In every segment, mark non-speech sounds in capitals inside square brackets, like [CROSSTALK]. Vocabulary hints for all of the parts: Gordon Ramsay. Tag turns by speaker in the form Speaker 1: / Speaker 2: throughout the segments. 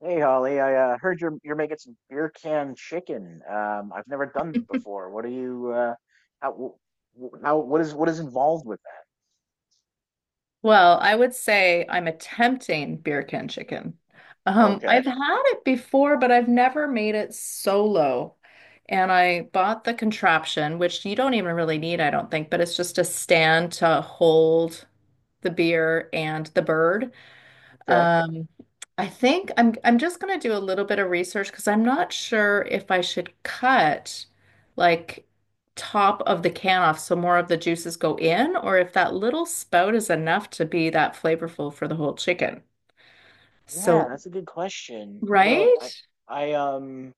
Speaker 1: Hey Holly, I heard you're making some beer can chicken. I've never done it before. What are you? How? How? What is involved with
Speaker 2: Well, I would say I'm attempting beer can chicken.
Speaker 1: that? Okay.
Speaker 2: I've had it before, but I've never made it solo. And I bought the contraption, which you don't even really need, I don't think, but it's just a stand to hold the beer and the bird.
Speaker 1: Okay.
Speaker 2: Um, I think I'm just gonna do a little bit of research because I'm not sure if I should cut like top of the can off so more of the juices go in, or if that little spout is enough to be that flavorful for the whole chicken.
Speaker 1: Yeah,
Speaker 2: So,
Speaker 1: that's a good question. I don't. I.
Speaker 2: right?
Speaker 1: I um.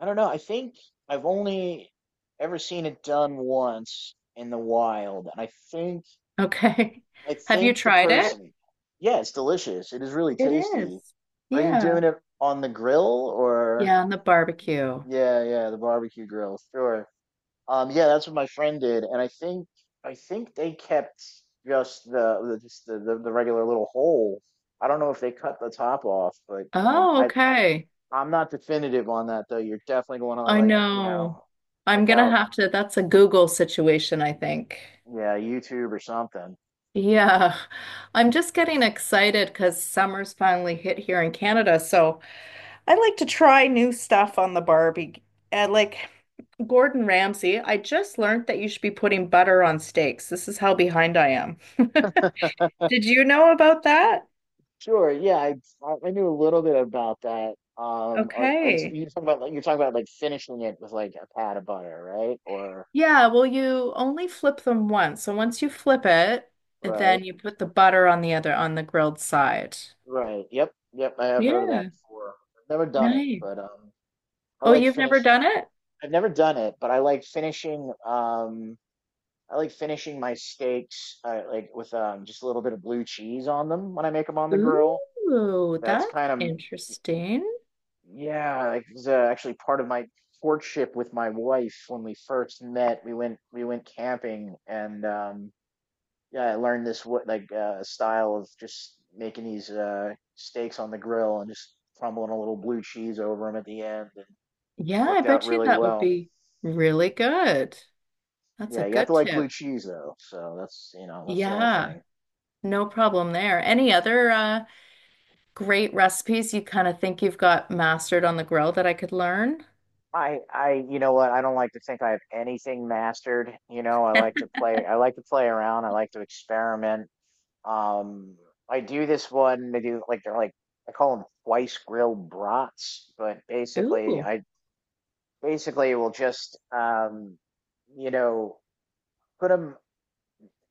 Speaker 1: I don't know. I've only ever seen it done once in the wild, and
Speaker 2: Okay.
Speaker 1: I
Speaker 2: [LAUGHS] Have you
Speaker 1: think the
Speaker 2: tried it?
Speaker 1: person. Yeah, it's delicious. It is really
Speaker 2: It
Speaker 1: tasty.
Speaker 2: is.
Speaker 1: Are you
Speaker 2: Yeah.
Speaker 1: doing it on the grill or?
Speaker 2: Yeah, on the barbecue.
Speaker 1: Yeah, yeah, the barbecue grill. Sure. Yeah, that's what my friend did, and I think they kept just the regular little hole. I don't know if they cut the top off, but
Speaker 2: Oh, okay.
Speaker 1: I'm not definitive on that though. You're definitely going to
Speaker 2: I know. I'm
Speaker 1: check
Speaker 2: gonna
Speaker 1: out
Speaker 2: have to, that's a Google situation, I think.
Speaker 1: yeah YouTube or something.
Speaker 2: Yeah, I'm just getting excited because summer's finally hit here in Canada. So I like to try new stuff on the Barbie. Like Gordon Ramsay, I just learned that you should be putting butter on steaks. This is how behind I am. [LAUGHS] Did you know about that?
Speaker 1: Sure, yeah, I I knew a little bit about that. Are are you are
Speaker 2: Okay.
Speaker 1: you talking about like finishing it with like a pat of butter, right? Or
Speaker 2: Yeah, well, you only flip them once. So once you flip it,
Speaker 1: right,
Speaker 2: then you put the butter on the other, on the grilled side.
Speaker 1: right. Yep, yep. I have heard of that
Speaker 2: Yeah,
Speaker 1: before. I've never done it,
Speaker 2: nice.
Speaker 1: but. I
Speaker 2: Oh,
Speaker 1: like
Speaker 2: you've never
Speaker 1: finish.
Speaker 2: done it?
Speaker 1: I've never done it, but I like finishing. I like finishing my steaks like with just a little bit of blue cheese on them when I make them on the grill.
Speaker 2: Ooh,
Speaker 1: That's
Speaker 2: that's
Speaker 1: kind of
Speaker 2: interesting.
Speaker 1: yeah. Like, it's actually part of my courtship with my wife when we first met. We went camping and yeah, I learned this what like style of just making these steaks on the grill and just crumbling a little blue cheese over them at the end and
Speaker 2: Yeah, I
Speaker 1: worked out
Speaker 2: bet you
Speaker 1: really
Speaker 2: that would
Speaker 1: well.
Speaker 2: be really good. That's a
Speaker 1: Yeah, you have to
Speaker 2: good
Speaker 1: like blue
Speaker 2: tip.
Speaker 1: cheese though. So that's, that's the only
Speaker 2: Yeah,
Speaker 1: thing.
Speaker 2: no problem there. Any other great recipes you kind of think you've got mastered on the grill that I could learn?
Speaker 1: I you know what? I don't like to think I have anything mastered. You know, I like to play. I like to play around. I like to experiment. Um, I do this one. They do like they're like I call them twice grilled brats, but basically
Speaker 2: Ooh,
Speaker 1: I basically will just you know put 'em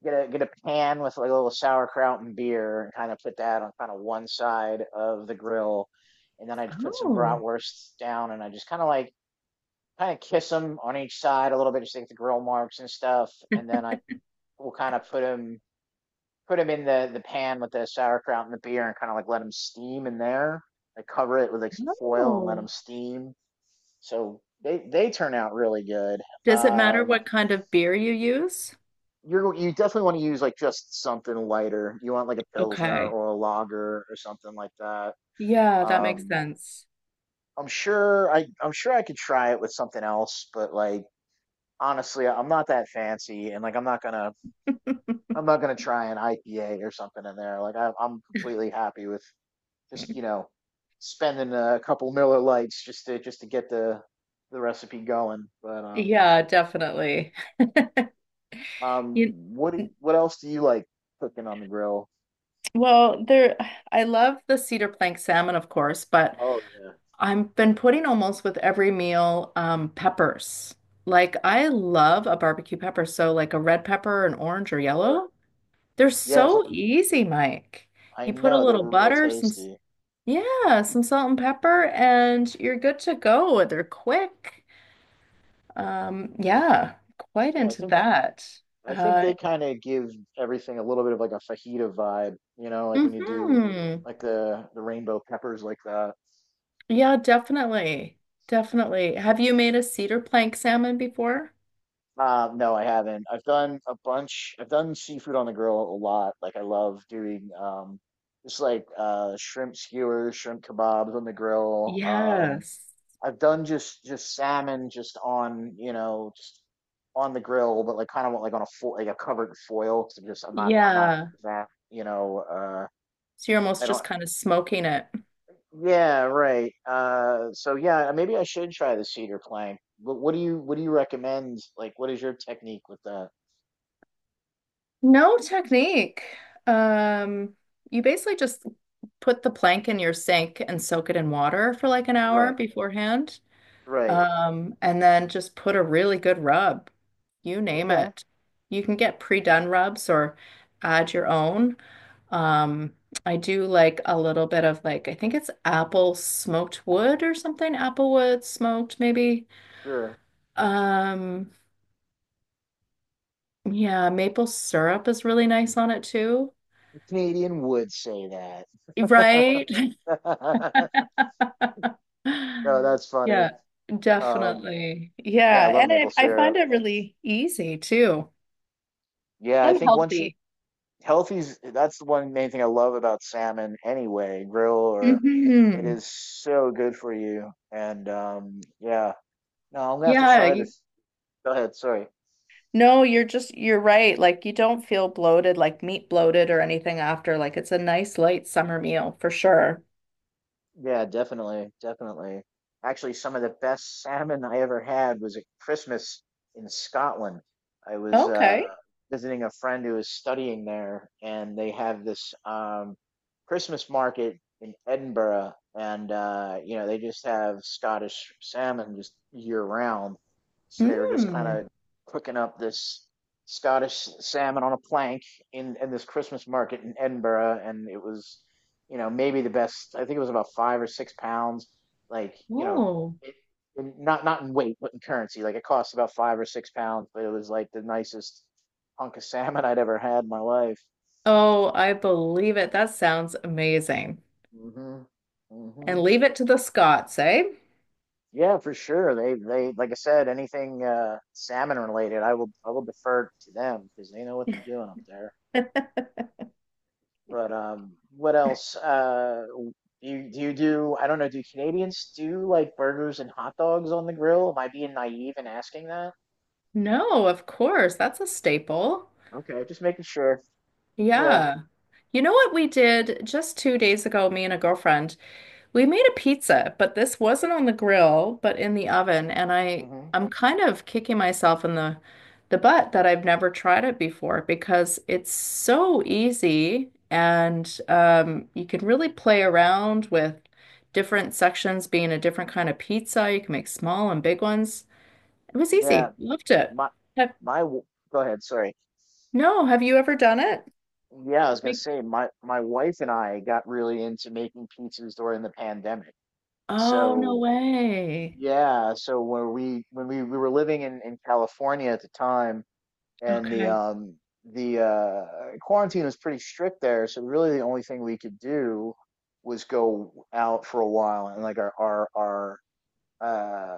Speaker 1: get a pan with like a little sauerkraut and beer and kind of put that on kind of one side of the grill, and then I just put some
Speaker 2: oh,
Speaker 1: bratwursts down and I just kind of like kind of kiss them on each side a little bit just to get the grill marks and stuff, and then I will put them in the pan with the sauerkraut and the beer and kind of like let them steam in there. I cover it with like some foil and let them
Speaker 2: no.
Speaker 1: steam so they turn out really good.
Speaker 2: Does it matter
Speaker 1: um
Speaker 2: what kind of beer you use?
Speaker 1: you definitely want to use like just something lighter. You want like a pilsner
Speaker 2: Okay.
Speaker 1: or a lager or something like that.
Speaker 2: Yeah, that makes
Speaker 1: Um,
Speaker 2: sense.
Speaker 1: I'm sure I could try it with something else, but like honestly, I'm not that fancy, and like
Speaker 2: [LAUGHS]
Speaker 1: I'm not gonna try an IPA or something in there. Like I'm completely happy with just spending a couple Miller Lights just to get the recipe going. But
Speaker 2: Yeah, definitely.
Speaker 1: um
Speaker 2: You,
Speaker 1: what what else do you like cooking on the grill?
Speaker 2: Well, there, I love the cedar plank salmon, of course, but
Speaker 1: Oh yeah,
Speaker 2: I've been putting almost with every meal peppers. Like I love a barbecue pepper, so like a red pepper, an orange or
Speaker 1: sure.
Speaker 2: yellow. They're
Speaker 1: Yes,
Speaker 2: so easy, Mike.
Speaker 1: I
Speaker 2: You put a
Speaker 1: know they're
Speaker 2: little
Speaker 1: real
Speaker 2: butter, some,
Speaker 1: tasty.
Speaker 2: yeah, some salt and pepper, and you're good to go. They're quick. Yeah, quite
Speaker 1: Yeah,
Speaker 2: into that.
Speaker 1: I think
Speaker 2: Uh,
Speaker 1: they kind of give everything a little bit of like a fajita vibe, you know, like when you do
Speaker 2: mhm.
Speaker 1: like the rainbow peppers like that.
Speaker 2: Yeah, definitely. Definitely. Have you made a cedar plank salmon before?
Speaker 1: No, I haven't. I've done a bunch. I've done seafood on the grill a lot. Like I love doing just like shrimp skewers, shrimp kebabs on the grill.
Speaker 2: Yes.
Speaker 1: I've done just salmon just on, just on the grill, but like kind of like on like a covered foil, 'cause I'm just I'm not
Speaker 2: Yeah.
Speaker 1: that,
Speaker 2: So you're
Speaker 1: I
Speaker 2: almost
Speaker 1: don't
Speaker 2: just kind of smoking it.
Speaker 1: yeah, right. So yeah, maybe I should try the cedar plank. But what do you recommend? Like what is your technique with that?
Speaker 2: No technique. Um, you basically just put the plank in your sink and soak it in water for like an hour
Speaker 1: Right,
Speaker 2: beforehand.
Speaker 1: right,
Speaker 2: And then just put a really good rub. You name
Speaker 1: okay,
Speaker 2: it. You can get pre-done rubs or add your own. Um, I do like a little bit of like I think it's apple smoked wood or something, Apple wood smoked maybe.
Speaker 1: sure.
Speaker 2: Um, yeah, maple syrup is really nice on it too.
Speaker 1: A Canadian would say that.
Speaker 2: Right?
Speaker 1: [LAUGHS]
Speaker 2: [LAUGHS]
Speaker 1: No, that's funny.
Speaker 2: Yeah,
Speaker 1: Um,
Speaker 2: definitely.
Speaker 1: yeah, I
Speaker 2: Yeah,
Speaker 1: love maple
Speaker 2: and I find
Speaker 1: syrup.
Speaker 2: it really easy too
Speaker 1: Yeah, I
Speaker 2: and
Speaker 1: think once you
Speaker 2: healthy.
Speaker 1: healthy's that's the one main thing I love about salmon anyway, grill or, it
Speaker 2: Hmm.
Speaker 1: is so good for you. And yeah. No, I'm gonna have to
Speaker 2: Yeah,
Speaker 1: try this. Go ahead, sorry.
Speaker 2: no, you're just, you're right. Like you don't feel bloated, like meat bloated or anything after. Like it's a nice light summer meal for sure.
Speaker 1: Yeah, definitely, definitely. Actually, some of the best salmon I ever had was at Christmas in Scotland. I was
Speaker 2: Okay.
Speaker 1: visiting a friend who was studying there, and they have this Christmas market in Edinburgh, and you know they just have Scottish salmon just year round. So they were just kind
Speaker 2: Mm.
Speaker 1: of cooking up this Scottish salmon on a plank in this Christmas market in Edinburgh, and it was, you know, maybe the best. I think it was about 5 or 6 pounds. Like, you know,
Speaker 2: Oh.
Speaker 1: it, not not in weight, but in currency. Like, it cost about 5 or 6 pounds, but it was like the nicest hunk of [LAUGHS] salmon I'd ever had in my life.
Speaker 2: Oh, I believe it. That sounds amazing.
Speaker 1: Hmm.
Speaker 2: And
Speaker 1: Hmm.
Speaker 2: leave it to the Scots, eh?
Speaker 1: Yeah, for sure. They, like I said, anything salmon related, I will defer to them because they know what they're doing up there.
Speaker 2: [LAUGHS]
Speaker 1: But what else? Do you do you do? I don't know. Do Canadians do like burgers and hot dogs on the grill? Am I being naive in asking that?
Speaker 2: No, of course. That's a staple.
Speaker 1: Okay, just making sure. Yeah.
Speaker 2: Yeah. You know what we did just 2 days ago, me and a girlfriend? We made a pizza, but this wasn't on the grill, but in the oven, and I
Speaker 1: Hmm.
Speaker 2: I'm kind of kicking myself in the butt that I've never tried it before because it's so easy and you can really play around with different sections being a different kind of pizza. You can make small and big ones. It was
Speaker 1: Yeah.
Speaker 2: easy. Loved it.
Speaker 1: My
Speaker 2: Have,
Speaker 1: my. w- Go ahead. Sorry.
Speaker 2: no, have you ever done it?
Speaker 1: Yeah, I was gonna
Speaker 2: Make,
Speaker 1: say my wife and I got really into making pizzas during the pandemic.
Speaker 2: oh, no
Speaker 1: So
Speaker 2: way.
Speaker 1: yeah, so we were living in California at the time, and the
Speaker 2: Okay.
Speaker 1: um the uh quarantine was pretty strict there, so really the only thing we could do was go out for a while, and like uh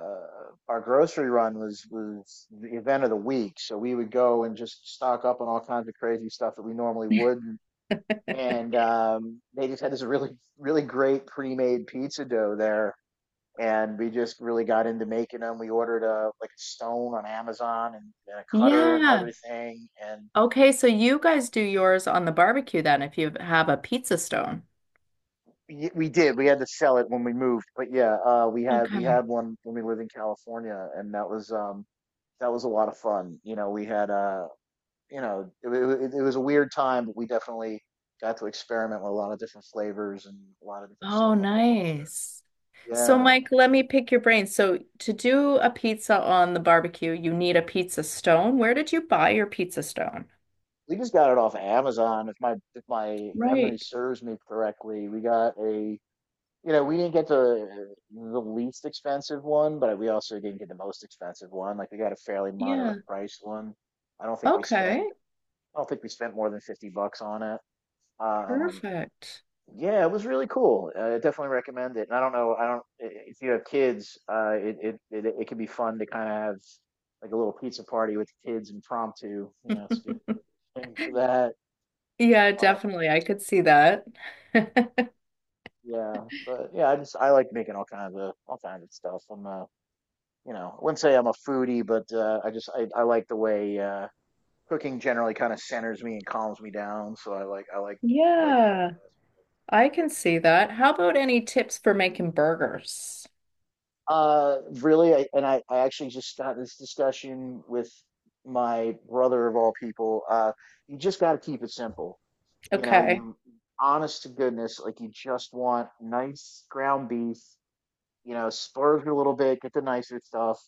Speaker 1: our grocery run was the event of the week, so we would go and just stock up on all kinds of crazy stuff that we normally wouldn't, and they just had this really great pre-made pizza dough there, and we just really got into making them. We ordered a like a stone on Amazon, and a cutter and
Speaker 2: Yeah.
Speaker 1: everything, and
Speaker 2: Okay, so you guys do yours on the barbecue then if you have a pizza stone.
Speaker 1: We did. We had to sell it when we moved, but yeah, we
Speaker 2: Okay.
Speaker 1: had one when we lived in California, and that was a lot of fun. You know, we had you know it, wa- it, it was a weird time, but we definitely got to experiment with a lot of different flavors and a lot of different stuff
Speaker 2: Oh,
Speaker 1: on the pizza.
Speaker 2: nice. So,
Speaker 1: Yeah,
Speaker 2: Mike, let me pick your brain. So, to do a pizza on the barbecue, you need a pizza stone. Where did you buy your pizza stone?
Speaker 1: we just got it off of Amazon. If my memory
Speaker 2: Right.
Speaker 1: serves me correctly, we got a, you know, we didn't get the least expensive one, but we also didn't get the most expensive one. Like we got a fairly
Speaker 2: Yeah.
Speaker 1: moderate price one. I don't think we
Speaker 2: Okay,
Speaker 1: spent I don't think we spent more than 50 bucks on it. Um,
Speaker 2: perfect. [LAUGHS]
Speaker 1: yeah, it was really cool. I definitely recommend it. And I don't know, I don't I- if you have kids, it can be fun to kind of have like a little pizza party with the kids impromptu. You know, it's a good thing for that.
Speaker 2: Yeah,
Speaker 1: Uh,
Speaker 2: definitely. I could see that. [LAUGHS]
Speaker 1: yeah, but yeah, I like making all kinds of stuff. I'm you know, I wouldn't say I'm a foodie, but I like the way cooking generally kind of centers me and calms me down. So I like like it for
Speaker 2: Yeah,
Speaker 1: that.
Speaker 2: I can see that. How about any tips for making burgers?
Speaker 1: Really, I, and I I actually just got this discussion with my brother of all people. You just got to keep it simple. You know,
Speaker 2: Okay.
Speaker 1: you honest to goodness, like you just want nice ground beef. You know, splurge a little bit, get the nicer stuff,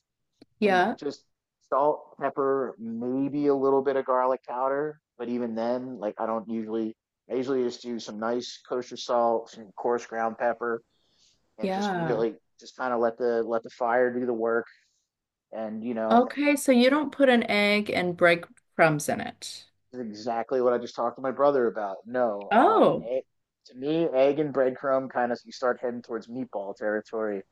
Speaker 1: and
Speaker 2: Yeah.
Speaker 1: just salt, pepper, maybe a little bit of garlic powder. But even then, like I don't usually, I usually just do some nice kosher salt, some coarse ground pepper, and just
Speaker 2: Yeah.
Speaker 1: really just kind of let the fire do the work. And you know,
Speaker 2: Okay, so you don't put an egg and breadcrumbs in it.
Speaker 1: this is exactly what I just talked to my brother about. No,
Speaker 2: Oh,
Speaker 1: egg, to me, egg and breadcrumb kind of you start heading towards meatball territory.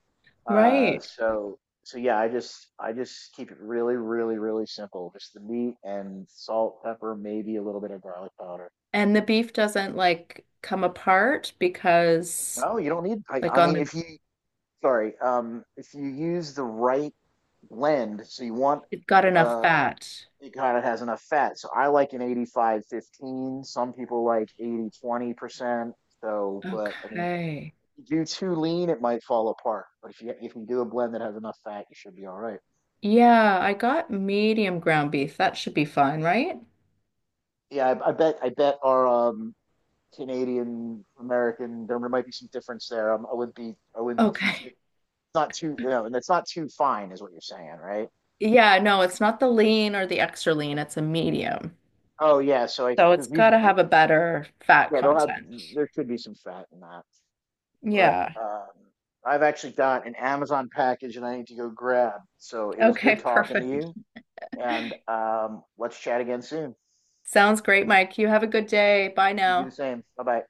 Speaker 1: Uh,
Speaker 2: right.
Speaker 1: so so yeah, I just keep it really, really, really simple. Just the meat and salt, pepper, maybe a little bit of garlic powder.
Speaker 2: And the beef doesn't like come apart because
Speaker 1: No, you don't need.
Speaker 2: like
Speaker 1: I
Speaker 2: on
Speaker 1: mean,
Speaker 2: the
Speaker 1: if you sorry, if you use the right blend, so you want
Speaker 2: it's got enough
Speaker 1: uh,
Speaker 2: fat.
Speaker 1: it kind of has enough fat. So I like an 85, 15. Some people like 80, 20%. So, but I mean,
Speaker 2: Okay.
Speaker 1: if you do too lean, it might fall apart. But if you do a blend that has enough fat, you should be all right.
Speaker 2: Yeah, I got medium ground beef. That should be fine, right?
Speaker 1: Yeah, I bet our Canadian American. There might be some difference there. I wouldn't be too,
Speaker 2: Okay.
Speaker 1: it's not too, you know, and it's not too fine is what you're saying, right?
Speaker 2: Yeah, no, it's not the lean or the extra lean, it's a medium.
Speaker 1: Oh yeah, so I
Speaker 2: So it's
Speaker 1: because we
Speaker 2: got to have a better fat
Speaker 1: yeah, they'll have,
Speaker 2: content.
Speaker 1: there should be some fat in that, but
Speaker 2: Yeah.
Speaker 1: I've actually got an Amazon package and I need to go grab. So it was
Speaker 2: Okay,
Speaker 1: good
Speaker 2: [LAUGHS]
Speaker 1: talking to
Speaker 2: perfect.
Speaker 1: you, and let's chat again soon.
Speaker 2: Sounds great, Mike. You have a good day. Bye
Speaker 1: You do the
Speaker 2: now.
Speaker 1: same. Bye bye.